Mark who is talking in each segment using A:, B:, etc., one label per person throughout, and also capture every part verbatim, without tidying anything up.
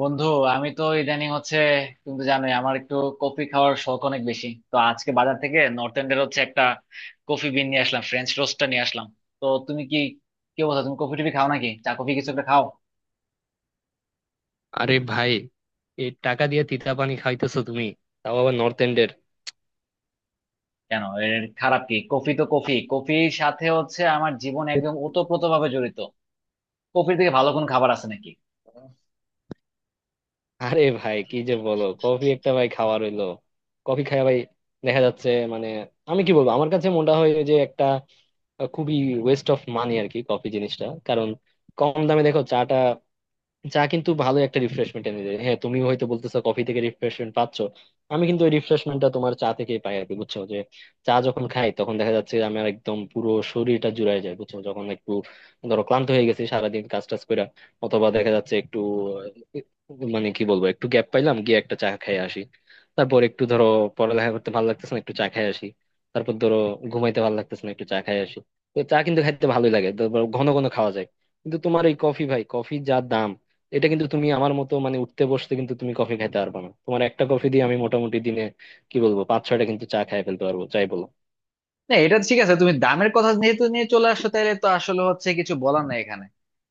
A: বন্ধু, আমি তো ইদানিং হচ্ছে, তুমি তো জানোই আমার একটু কফি খাওয়ার শখ অনেক বেশি। তো আজকে বাজার থেকে নর্থ এন্ডের হচ্ছে একটা কফি বিন নিয়ে আসলাম, ফ্রেঞ্চ রোস্টটা নিয়ে আসলাম। তো তুমি কি কি অবস্থা? তুমি কফি টফি খাও, নাকি চা কফি কিছু একটা খাও?
B: আরে ভাই, এই টাকা দিয়ে তিতা পানি খাইতেছো তুমি? তাও আবার নর্থ এন্ডের।
A: কেন, এর খারাপ কি? কফি তো, কফি কফির সাথে হচ্ছে আমার জীবন একদম ওতপ্রোত ভাবে জড়িত। কফির থেকে ভালো কোন খাবার আছে নাকি?
B: আরে ভাই, কি যে বলো! কফি একটা ভাই খাওয়া রইলো। কফি খায় ভাই, দেখা যাচ্ছে। মানে, আমি কি বলবো, আমার কাছে মনে হয় যে একটা আহ, খুবই ওয়েস্ট অফ মানি আর কি কফি জিনিসটা। কারণ কম দামে দেখো, চাটা চা কিন্তু ভালো একটা রিফ্রেশমেন্ট এনে দেয়। হ্যাঁ, তুমি হয়তো বলতেছো কফি থেকে রিফ্রেশমেন্ট পাচ্ছ। আমি কিন্তু ওই রিফ্রেশমেন্টটা তোমার চা থেকেই পাই আর কি, বুঝছো? যে চা যখন খাই, তখন দেখা যাচ্ছে যে আমার একদম পুরো শরীরটা জুড়ায় যায়, বুঝছো? যখন একটু ধরো ক্লান্ত হয়ে গেছি সারাদিন কাজ টাজ করে, অথবা দেখা যাচ্ছে একটু আহ, মানে কি বলবো, একটু গ্যাপ পাইলাম, গিয়ে একটা চা খেয়ে আসি। তারপর একটু ধরো, পড়ালেখা করতে ভালো লাগতেছে না, একটু চা খেয়ে আসি। তারপর ধরো, ঘুমাইতে ভালো লাগতেছে না, একটু চা খেয়ে আসি। তো চা কিন্তু খাইতে ভালোই লাগে, তারপর ঘন ঘন খাওয়া যায়। কিন্তু তোমার এই কফি, ভাই কফির যা দাম! এটা কিন্তু তুমি আমার মতো মানে উঠতে বসতে কিন্তু তুমি কফি খাইতে পারবে না। তোমার একটা কফি দিয়ে আমি মোটামুটি দিনে, কি বলবো, পাঁচ ছয়টা কিন্তু চা খাই ফেলতে পারবো, চাই বলো।
A: না, এটা ঠিক আছে। তুমি দামের কথা যেহেতু নিয়ে চলে আসছো, তাহলে তো আসলে হচ্ছে কিছু বলার নাই এখানে।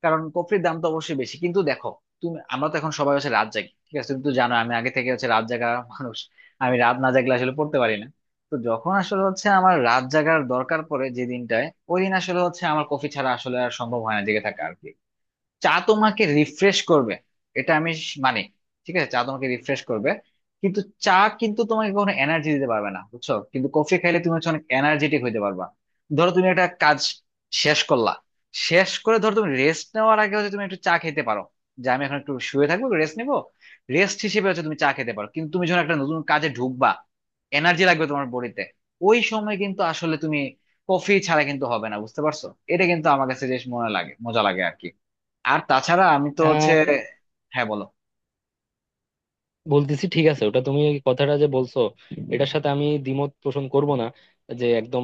A: কারণ কফির দাম তো অবশ্যই বেশি, কিন্তু দেখো, তুমি, আমরা তো এখন সবাই হচ্ছে রাত জাগি। ঠিক আছে। তুমি তো জানো, আমি আগে থেকে হচ্ছে রাত জাগা মানুষ। আমি রাত না জাগলে আসলে পড়তে পারি না। তো যখন আসলে হচ্ছে আমার রাত জাগার দরকার পড়ে যে দিনটায়, ওই দিন আসলে হচ্ছে আমার কফি ছাড়া আসলে আর সম্ভব হয় না জেগে থাকা আর কি। চা তোমাকে রিফ্রেশ করবে, এটা আমি স- মানি। ঠিক আছে, চা তোমাকে রিফ্রেশ করবে, কিন্তু চা কিন্তু তোমাকে কোনো এনার্জি দিতে পারবে না, বুঝছো? কিন্তু কফি খাইলে তুমি হচ্ছে অনেক এনার্জেটিক হইতে পারবা। ধরো তুমি একটা কাজ শেষ করলা, শেষ করে ধরো তুমি রেস্ট নেওয়ার আগে হচ্ছে তুমি একটু চা খেতে পারো, যে আমি এখন একটু শুয়ে থাকবো, রেস্ট নিবো। রেস্ট হিসেবে হচ্ছে তুমি চা খেতে পারো, কিন্তু তুমি যখন একটা নতুন কাজে ঢুকবা, এনার্জি লাগবে তোমার বডিতে, ওই সময় কিন্তু আসলে তুমি কফি ছাড়া কিন্তু হবে না, বুঝতে পারছো? এটা কিন্তু আমার কাছে বেশ মনে লাগে, মজা লাগে আর কি। আর তাছাড়া আমি তো হচ্ছে,
B: আহ
A: হ্যাঁ বলো।
B: বলতেছি, ঠিক আছে, ওটা তুমি এই কথাটা যে বলছো, এটার সাথে আমি দ্বিমত পোষণ করব না, যে একদম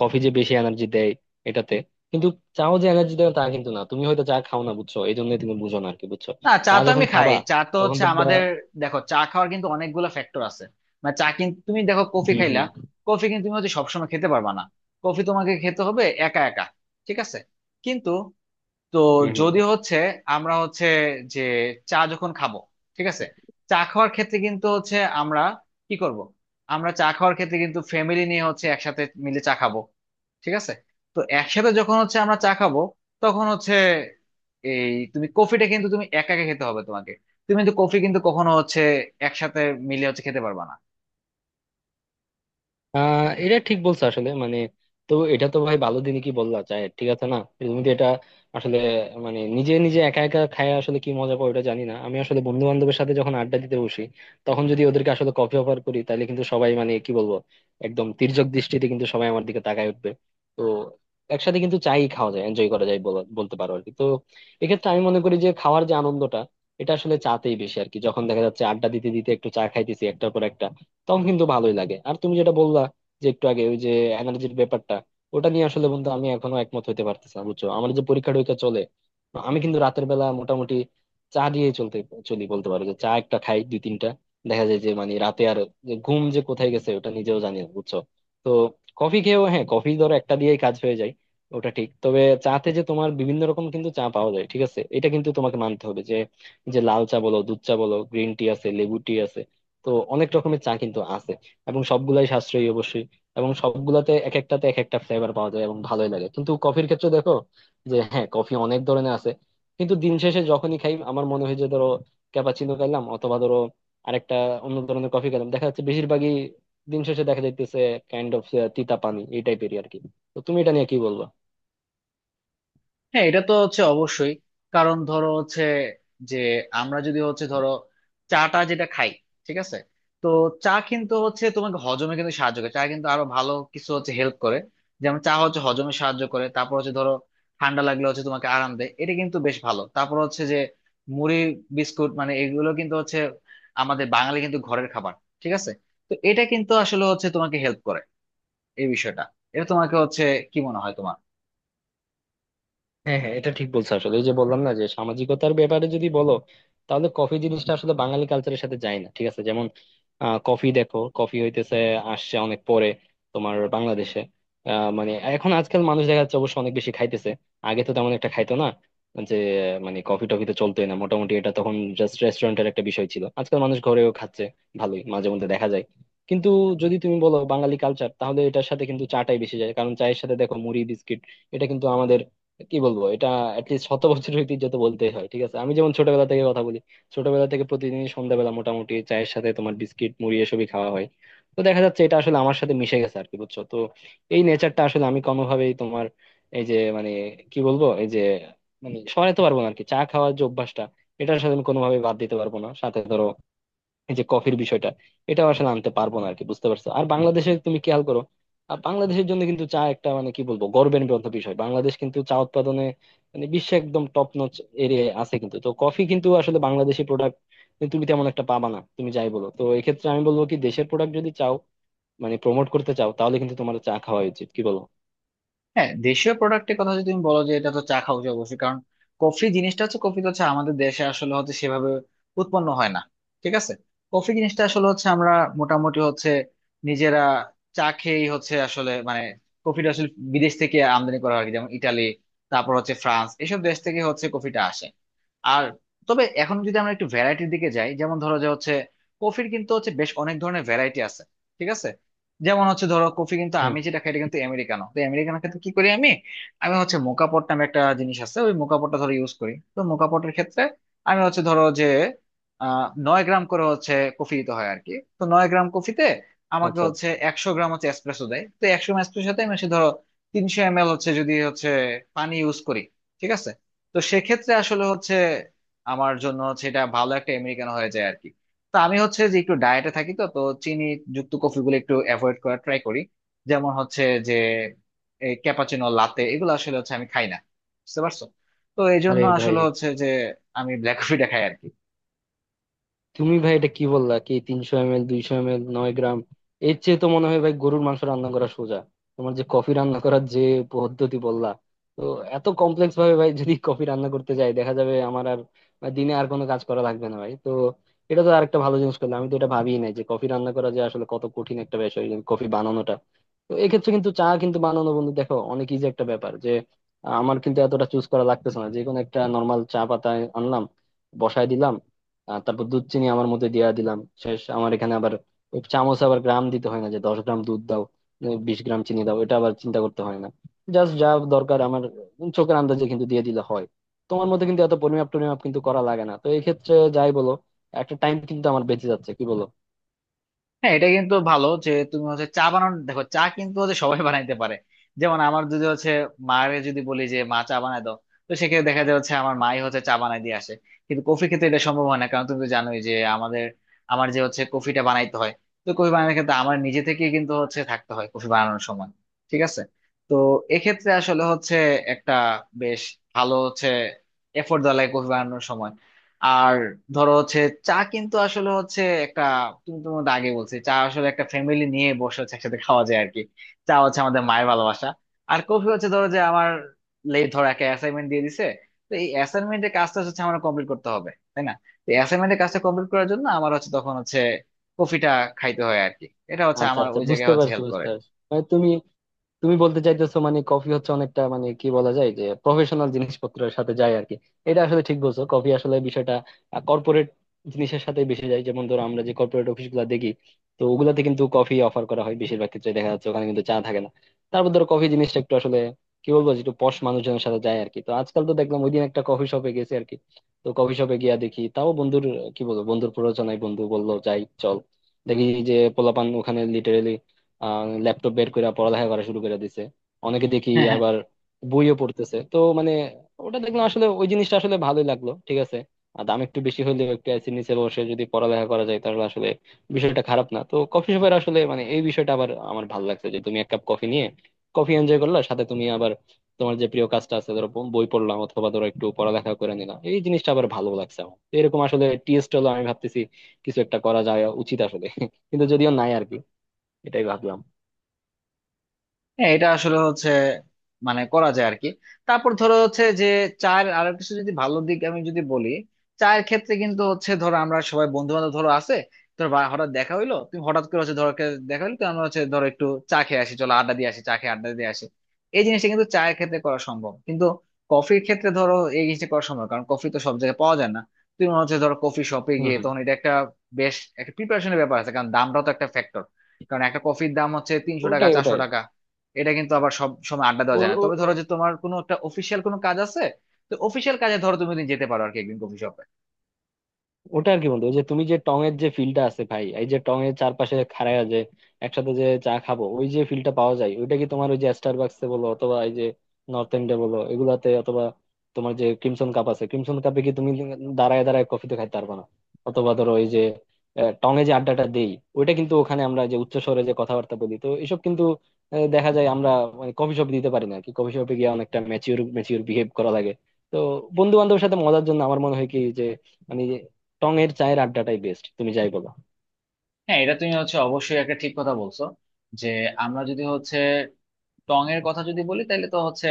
B: কফি যে বেশি এনার্জি দেয়, এটাতে। কিন্তু চাও যে এনার্জি দেয় তা কিন্তু না। তুমি হয়তো চা খাও না, বুঝছো? এই জন্য তুমি বুঝো না আর কি, বুঝছো?
A: না, চা
B: চা
A: তো
B: যখন
A: আমি খাই,
B: খাবা,
A: চা তো
B: তখন
A: হচ্ছে
B: দেখবা।
A: আমাদের, দেখো, চা খাওয়ার কিন্তু অনেকগুলো ফ্যাক্টর আছে। মানে, চা কিন্তু তুমি দেখো, কফি
B: হম,
A: খাইলা, কফি কিন্তু তুমি হচ্ছে সবসময় খেতে পারবা না। কফি তোমাকে খেতে হবে একা একা, ঠিক আছে? কিন্তু, তো
B: হম, হম।
A: যদি হচ্ছে আমরা হচ্ছে যে, চা যখন খাবো, ঠিক আছে, চা খাওয়ার ক্ষেত্রে কিন্তু হচ্ছে আমরা কি করব? আমরা চা খাওয়ার ক্ষেত্রে কিন্তু ফ্যামিলি নিয়ে হচ্ছে একসাথে মিলে চা খাবো, ঠিক আছে। তো একসাথে যখন হচ্ছে আমরা চা খাবো, তখন হচ্ছে, এই তুমি কফিটা কিন্তু তুমি একা একা খেতে হবে তোমাকে। তুমি কিন্তু কফি কিন্তু কখনো হচ্ছে একসাথে মিলে হচ্ছে খেতে পারবা না।
B: আহ এটা ঠিক বলছো আসলে, মানে। তো এটা তো ভাই ভালো, দিনে কি বললা? চায় ঠিক আছে না। তুমি তো এটা আসলে, মানে, নিজে নিজে একা একা খায়, আসলে কি মজা পাও এটা জানি না। আমি আসলে বন্ধু বান্ধবের সাথে যখন আড্ডা দিতে বসি, তখন যদি ওদেরকে আসলে কফি অফার করি, তাহলে কিন্তু সবাই, মানে কি বলবো, একদম তির্যক দৃষ্টিতে কিন্তু সবাই আমার দিকে তাকায় উঠবে। তো একসাথে কিন্তু চাই খাওয়া যায়, এনজয় করা যায় বলা- বলতে পারো আর কি। তো এক্ষেত্রে আমি মনে করি যে খাওয়ার যে আনন্দটা, এটা আসলে চাতেই বেশি আর কি। যখন দেখা যাচ্ছে আড্ডা দিতে দিতে একটু চা খাইতেছি একটার পর একটা, তখন কিন্তু ভালোই লাগে। আর তুমি যেটা বললা, যে একটু আগে ওই যে এনার্জির ব্যাপারটা, ওটা নিয়ে আসলে বন্ধু, আমি এখনো একমত হতে পারতেছি না, বুঝছো? আমার যে পরীক্ষা টরীক্ষা চলে, আমি কিন্তু রাতের বেলা মোটামুটি চা দিয়ে চলতে চলি বলতে পারো, যে চা একটা খাই দুই তিনটা। দেখা যায় যে মানে রাতে আর যে ঘুম যে কোথায় গেছে ওটা নিজেও জানি না, বুঝছো? তো কফি খেয়েও, হ্যাঁ, কফি ধরো একটা দিয়েই কাজ হয়ে যায়, ওটা ঠিক। তবে চাতে যে তোমার বিভিন্ন রকম কিন্তু চা পাওয়া যায়, ঠিক আছে, এটা কিন্তু তোমাকে মানতে হবে যে যে লাল চা বলো, দুধ চা বলো, গ্রিন টি আছে, লেবু টি আছে। তো অনেক রকমের চা কিন্তু আছে, এবং সবগুলাই সাশ্রয়ী অবশ্যই। এবং সবগুলাতে এক একটাতে এক একটা ফ্লেভার পাওয়া যায় এবং ভালোই লাগে। কিন্তু কফির ক্ষেত্রে দেখো, যে হ্যাঁ, কফি অনেক ধরনের আছে। কিন্তু দিন শেষে যখনই খাই আমার মনে হয় যে, ধরো ক্যাপাচিনো খাইলাম, অথবা ধরো আরেকটা অন্য ধরনের কফি খেলাম, দেখা যাচ্ছে বেশিরভাগই দিন শেষে দেখা যাইতেছে কাইন্ড অফ তিতা পানি এই টাইপেরই আর কি। তো তুমি এটা নিয়ে কি বলবো?
A: হ্যাঁ, এটা তো হচ্ছে অবশ্যই। কারণ ধরো হচ্ছে যে, আমরা যদি হচ্ছে ধরো চাটা যেটা খাই, ঠিক আছে, তো চা কিন্তু হচ্ছে তোমাকে হজমে কিন্তু সাহায্য করে। চা কিন্তু আরো ভালো কিছু হচ্ছে হেল্প করে। যেমন, চা হচ্ছে হজমে সাহায্য করে, তারপর হচ্ছে, ধরো ঠান্ডা লাগলে হচ্ছে তোমাকে আরাম দেয়, এটা কিন্তু বেশ ভালো। তারপর হচ্ছে যে, মুড়ি, বিস্কুট, মানে এগুলো কিন্তু হচ্ছে আমাদের বাঙালি কিন্তু ঘরের খাবার, ঠিক আছে? তো এটা কিন্তু আসলে হচ্ছে তোমাকে হেল্প করে, এই বিষয়টা। এটা তোমাকে হচ্ছে, কি মনে হয় তোমার?
B: হ্যাঁ, হ্যাঁ, এটা ঠিক বলছো আসলে। এই যে বললাম না, যে সামাজিকতার ব্যাপারে যদি বলো, তাহলে কফি জিনিসটা আসলে বাঙালি কালচারের সাথে যায় না, ঠিক আছে। যেমন, আহ, কফি দেখো, কফি হইতেছে আসছে অনেক পরে তোমার বাংলাদেশে। আহ, মানে এখন আজকাল মানুষ দেখা যাচ্ছে অবশ্য অনেক বেশি খাইতেছে। আগে তো তেমন একটা খাইতো না। যে মানে কফি টফি তো চলতোই না মোটামুটি, এটা তখন জাস্ট রেস্টুরেন্টের একটা বিষয় ছিল। আজকাল মানুষ ঘরেও খাচ্ছে ভালোই, মাঝে মধ্যে দেখা যায়। কিন্তু যদি তুমি বলো বাঙালি কালচার, তাহলে এটার সাথে কিন্তু চাটাই বেশি যায়। কারণ চায়ের সাথে দেখো মুড়ি, বিস্কিট, এটা কিন্তু আমাদের, কি বলবো, এটা অ্যাটলিস্ট শত বছরের ঐতিহ্য তো বলতেই হয়, ঠিক আছে। আমি যেমন ছোটবেলা থেকে কথা বলি, ছোটবেলা থেকে প্রতিদিন সন্ধ্যাবেলা মোটামুটি চায়ের সাথে তোমার বিস্কিট, মুড়ি এসবই খাওয়া হয়। তো দেখা যাচ্ছে এটা আসলে আমার সাথে মিশে গেছে আর কি, বুঝছো? তো এই নেচারটা আসলে আমি কোনোভাবেই তোমার, এই যে মানে, কি বলবো, এই যে মানে সরাতে পারবো না আর কি। চা খাওয়ার যে অভ্যাসটা, এটা আসলে আমি কোনোভাবেই বাদ দিতে পারবো না, সাথে ধরো এই যে কফির বিষয়টা, এটা আসলে আনতে পারবো না আর কি, বুঝতে পারছো? আর বাংলাদেশে তুমি খেয়াল করো। আহ, বাংলাদেশের জন্য কিন্তু চা একটা, মানে কি বলবো, গর্বের গ্রন্থ বিষয়। বাংলাদেশ কিন্তু চা উৎপাদনে মানে বিশ্বে একদম টপ নচ এরিয়ায় আছে কিন্তু। তো কফি কিন্তু আসলে বাংলাদেশি প্রোডাক্ট তুমি তেমন একটা পাবা না। তুমি যাই বলো, তো এক্ষেত্রে আমি বলবো কি, দেশের প্রোডাক্ট যদি চাও, মানে প্রমোট করতে চাও, তাহলে কিন্তু তোমার চা খাওয়া উচিত, কি বলো?
A: হ্যাঁ, দেশীয় প্রোডাক্টের কথা যদি তুমি বলো, যে এটা তো চা খাওয়া উচিত অবশ্যই। কারণ কফি জিনিসটা হচ্ছে, কফি তো হচ্ছে আমাদের দেশে আসলে হচ্ছে সেভাবে উৎপন্ন হয় না, ঠিক আছে। কফি জিনিসটা আসলে হচ্ছে আমরা মোটামুটি হচ্ছে নিজেরা চা খেয়েই হচ্ছে আসলে, মানে কফিটা আসলে বিদেশ থেকে আমদানি করা হয় আর কি। যেমন ইটালি, তারপর হচ্ছে ফ্রান্স, এসব দেশ থেকে হচ্ছে কফিটা আসে। আর, তবে এখন যদি আমরা একটু ভ্যারাইটির দিকে যাই, যেমন ধরো যে হচ্ছে, কফির কিন্তু হচ্ছে বেশ অনেক ধরনের ভ্যারাইটি আছে, ঠিক আছে। যেমন হচ্ছে, ধরো কফি কিন্তু
B: হুম।
A: আমি যেটা খাই, এটা কিন্তু আমেরিকানো। তো আমেরিকানো ক্ষেত্রে কি করি আমি, আমি হচ্ছে মোকা পট নামে একটা জিনিস আছে, ওই মোকা পটটা ধরো ইউজ করি। তো মোকা পটের ক্ষেত্রে আমি হচ্ছে ধরো যে, আহ নয় গ্রাম করে হচ্ছে কফি দিতে হয় আর কি। তো নয় গ্রাম কফিতে আমাকে
B: আচ্ছা,
A: হচ্ছে
B: আচ্ছা।
A: একশো গ্রাম হচ্ছে এসপ্রেসো দেয়। তো একশো গ্রাম এসপ্রেসোতে আমি হচ্ছে ধরো, তিনশো এম এল হচ্ছে যদি হচ্ছে পানি ইউজ করি, ঠিক আছে। তো সেক্ষেত্রে আসলে হচ্ছে আমার জন্য হচ্ছে এটা ভালো একটা আমেরিকানো হয়ে যায় আর কি। তো আমি হচ্ছে যে একটু ডায়েটে থাকি, তো তো চিনি যুক্ত কফিগুলো একটু অ্যাভয়েড করার ট্রাই করি। যেমন হচ্ছে যে, এই ক্যাপাচিনো, লাতে, এগুলো আসলে হচ্ছে আমি খাই না, বুঝতে পারছো। তো এই জন্য
B: আরে ভাই,
A: আসলে হচ্ছে যে, আমি ব্ল্যাক কফিটা খাই আর কি।
B: তুমি ভাই এটা কি বললা কি! তিনশো এম এল, দুইশো এম এল, নয় গ্রাম, এর চেয়ে তো মনে হয় ভাই গরুর মাংস রান্না করা সোজা। তোমার যে কফি রান্না করার যে পদ্ধতি বললা, তো এত কমপ্লেক্স ভাবে ভাই যদি কফি রান্না করতে যাই, দেখা যাবে আমার আর বা দিনে আর কোনো কাজ করা লাগবে না ভাই। তো এটা তো আরেকটা ভালো জিনিস করলাম, আমি তো এটা ভাবিই নাই যে কফি রান্না করা যে আসলে কত কঠিন একটা বিষয় কফি বানানোটা। তো এক্ষেত্রে কিন্তু চা কিন্তু বানানো বন্ধু দেখো অনেক ইজি একটা ব্যাপার, যে আহ, আমার কিন্তু এতটা চুজ করা লাগতেছে না। যে কোনো একটা নর্মাল চা পাতা আনলাম, বসায় দিলাম। আহ তারপর দুধ, চিনি আমার মধ্যে দিয়া দিলাম, শেষ। আমার এখানে আবার ওই চামচ, আবার গ্রাম দিতে হয় না যে দশ গ্রাম দুধ দাও, উম, বিশ গ্রাম চিনি দাও, এটা আবার চিন্তা করতে হয় না। জাস্ট যা দরকার আমার চোখের আন্দাজে কিন্তু দিয়ে দিলে হয়। তোমার মধ্যে কিন্তু এত পরিমাপ টরিমাপ কিন্তু করা লাগে না। তো এই ক্ষেত্রে যাই বলো, একটা টাইম কিন্তু আমার বেঁচে যাচ্ছে, কি বলো?
A: হ্যাঁ, এটা কিন্তু ভালো যে তুমি হচ্ছে চা বানানো। দেখো, চা কিন্তু হচ্ছে সবাই বানাইতে পারে। যেমন আমার যদি হচ্ছে মায়ের যদি বলি যে, মা চা বানায় দাও, তো সেক্ষেত্রে দেখা যায় হচ্ছে আমার মাই হচ্ছে চা বানাই দিয়ে আসে। কিন্তু কফি ক্ষেত্রে এটা সম্ভব হয় না, কারণ তুমি তো জানোই যে আমাদের, আমার যে হচ্ছে কফিটা বানাইতে হয়। তো কফি বানানোর ক্ষেত্রে আমার নিজে থেকে কিন্তু হচ্ছে থাকতে হয় কফি বানানোর সময়, ঠিক আছে। তো এক্ষেত্রে আসলে হচ্ছে একটা বেশ ভালো হচ্ছে এফোর্ট দেওয়া লাগে কফি বানানোর সময়। আর ধরো হচ্ছে, চা কিন্তু আসলে হচ্ছে একটা, তুমি তো আমাকে আগে বলছি, চা আসলে একটা ফ্যামিলি নিয়ে বসে হচ্ছে একসাথে খাওয়া যায় আর কি। চা হচ্ছে আমাদের মায়ের ভালোবাসা। আর কফি হচ্ছে, ধরো যে আমার লেট, ধরো একটা অ্যাসাইনমেন্ট দিয়ে দিছে, তো এই অ্যাসাইনমেন্টের কাজটা হচ্ছে আমার কমপ্লিট করতে হবে, তাই না? তো অ্যাসাইনমেন্টের কাজটা কমপ্লিট করার জন্য আমার হচ্ছে তখন হচ্ছে কফিটা খাইতে হয় আর কি। এটা হচ্ছে
B: আচ্ছা,
A: আমার
B: আচ্ছা,
A: ওই জায়গায়
B: বুঝতে
A: হচ্ছে
B: পারছি,
A: হেল্প করে।
B: বুঝতে পারছি। মানে তুমি তুমি বলতে চাইতেছো মানে কফি হচ্ছে অনেকটা, মানে কি বলা যায়, যে প্রফেশনাল জিনিসপত্রের সাথে যায় আর কি। এটা আসলে ঠিক বলছো, কফি আসলে বিষয়টা কর্পোরেট জিনিসের সাথে বেশি যায়। যেমন ধরো আমরা যে কর্পোরেট অফিস গুলা দেখি, তো ওগুলাতে কিন্তু কফি অফার করা হয় বেশিরভাগ ক্ষেত্রে, দেখা যাচ্ছে ওখানে কিন্তু চা থাকে না। তারপর ধরো কফি জিনিসটা একটু আসলে, কি বলবো, যে একটু পশ মানুষজনের সাথে যায় আর কি। তো আজকাল তো দেখলাম, ওইদিন একটা কফি শপে গেছি আর কি, তো কফি শপে গিয়া দেখি, তাও বন্ধুর, কি বলবো, বন্ধুর প্ররোচনায়, বন্ধু বললো যাই চল। দেখি যে পোলাপান ওখানে লিটারেলি ল্যাপটপ বের করে পড়ালেখা করা শুরু করে দিছে। অনেকে দেখি আবার বইও পড়তেছে। তো মানে, ওটা দেখলাম আসলে ওই জিনিসটা আসলে ভালোই লাগলো, ঠিক আছে। আর দাম একটু বেশি হলেও একটু এসির নিচে বসে যদি পড়ালেখা করা যায়, তাহলে আসলে বিষয়টা খারাপ না। তো কফি শপের আসলে মানে এই বিষয়টা আবার আমার ভালো লাগছে, যে তুমি এক কাপ কফি নিয়ে কফি এনজয় করলা, সাথে তুমি আবার তোমার যে প্রিয় কাজটা আছে, ধরো বই পড়লাম অথবা ধরো একটু পড়ালেখা করে নিলাম, এই জিনিসটা আবার ভালো লাগছে আমার। তো এরকম আসলে টিএস হলো, আমি ভাবতেছি কিছু একটা করা যায় উচিত আসলে, কিন্তু যদিও নাই আর কি। এটাই ভাবলাম।
A: হ্যাঁ, এটা আসলে হচ্ছে, মানে করা যায় আর কি। তারপর ধরো হচ্ছে যে, চায়ের আরো কিছু যদি ভালো দিক আমি যদি বলি, চায়ের ক্ষেত্রে কিন্তু হচ্ছে ধরো, আমরা সবাই বন্ধু বান্ধব ধরো আছে, ধরো বা- হঠাৎ দেখা হইলো, তুমি হঠাৎ করে হচ্ছে ধরো কে- দেখা হইলো, তো আমরা হচ্ছে ধরো একটু চা খেয়ে আসি, চলো আড্ডা দিয়ে আসি, চা খেয়ে আড্ডা দিয়ে আসি। এই জিনিসটা কিন্তু চায়ের ক্ষেত্রে করা সম্ভব, কিন্তু কফির ক্ষেত্রে ধরো এই জিনিসটা করা সম্ভব না, কারণ কফি তো সব জায়গায় পাওয়া যায় না। তুমি হচ্ছে ধরো কফি শপে
B: হম,
A: গিয়ে
B: হম।
A: তখন, এটা একটা বেশ একটা প্রিপারেশনের ব্যাপার আছে, কারণ দামটাও তো একটা ফ্যাক্টর। কারণ একটা কফির দাম হচ্ছে তিনশো টাকা,
B: ওটাই,
A: চারশো
B: ওটাই।
A: টাকা এটা কিন্তু আবার সব সময় আড্ডা দেওয়া যায় না।
B: ওর-
A: তবে
B: ও-
A: ধরো
B: ও-
A: যে তোমার কোনো একটা অফিসিয়াল কোনো কাজ আছে, তো অফিসিয়াল কাজে ধরো তুমি ওদিন যেতে পারো আর কি, একদিন কফি শপে।
B: ওটা আর কি বন্ধু, ওই যে তুমি যে টং এর যে ফিলটা আছে ভাই, এই যে টং এর চারপাশে খাড়ায় যে একসাথে যে চা খাবো, ওই যে ফিলটা পাওয়া যায়, ওইটা কি তোমার ওই যে স্টারবাকসে বলো, অথবা এই যে নর্থ এন্ডে বলো এগুলাতে, অথবা তোমার যে ক্রিমসন কাপ আছে, ক্রিমসন কাপে কি তুমি দাঁড়ায় দাঁড়ায় কফি তো খাইতে পারবে না। অথবা ধরো এই যে টং এ যে আড্ডাটা দেই, ওইটা কিন্তু ওখানে আমরা যে উচ্চ স্বরে যে কথাবার্তা বলি, তো এসব কিন্তু আহ, দেখা যায় আমরা মানে কফি শপে দিতে পারি না আর কি। কফি শপে গিয়ে অনেকটা ম্যাচিওর ম্যাচিওর বিহেভ করা লাগে। তো বন্ধু বান্ধবের সাথে মজার জন্য আমার মনে হয় কি যে, মানে, টং এর চায়ের আড্ডাটাই বেস্ট, তুমি যাই বলো।
A: হ্যাঁ, এটা তুমি হচ্ছে অবশ্যই একটা ঠিক কথা বলছো, যে আমরা যদি হচ্ছে টং এর কথা যদি বলি, তাহলে তো হচ্ছে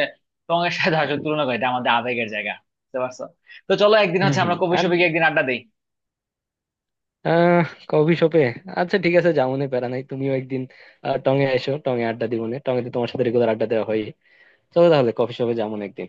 A: টং এর সাথে আসলে তুলনা করি, এটা আমাদের আবেগের জায়গা, বুঝতে পারছো। তো চলো একদিন
B: হম,
A: হচ্ছে
B: হম।
A: আমরা কফি
B: আর
A: শপে গিয়ে একদিন আড্ডা দিই।
B: আহ কফি শপে। আচ্ছা, ঠিক আছে, যাও মনে প্যারা নাই, তুমিও একদিন আহ, টঙে এসো, টঙে আড্ডা দিব মনে। টঙে তো তোমার সাথে রেগুলার আড্ডা দেওয়া হয়। চলো তাহলে কফি শপে যাও মনে একদিন।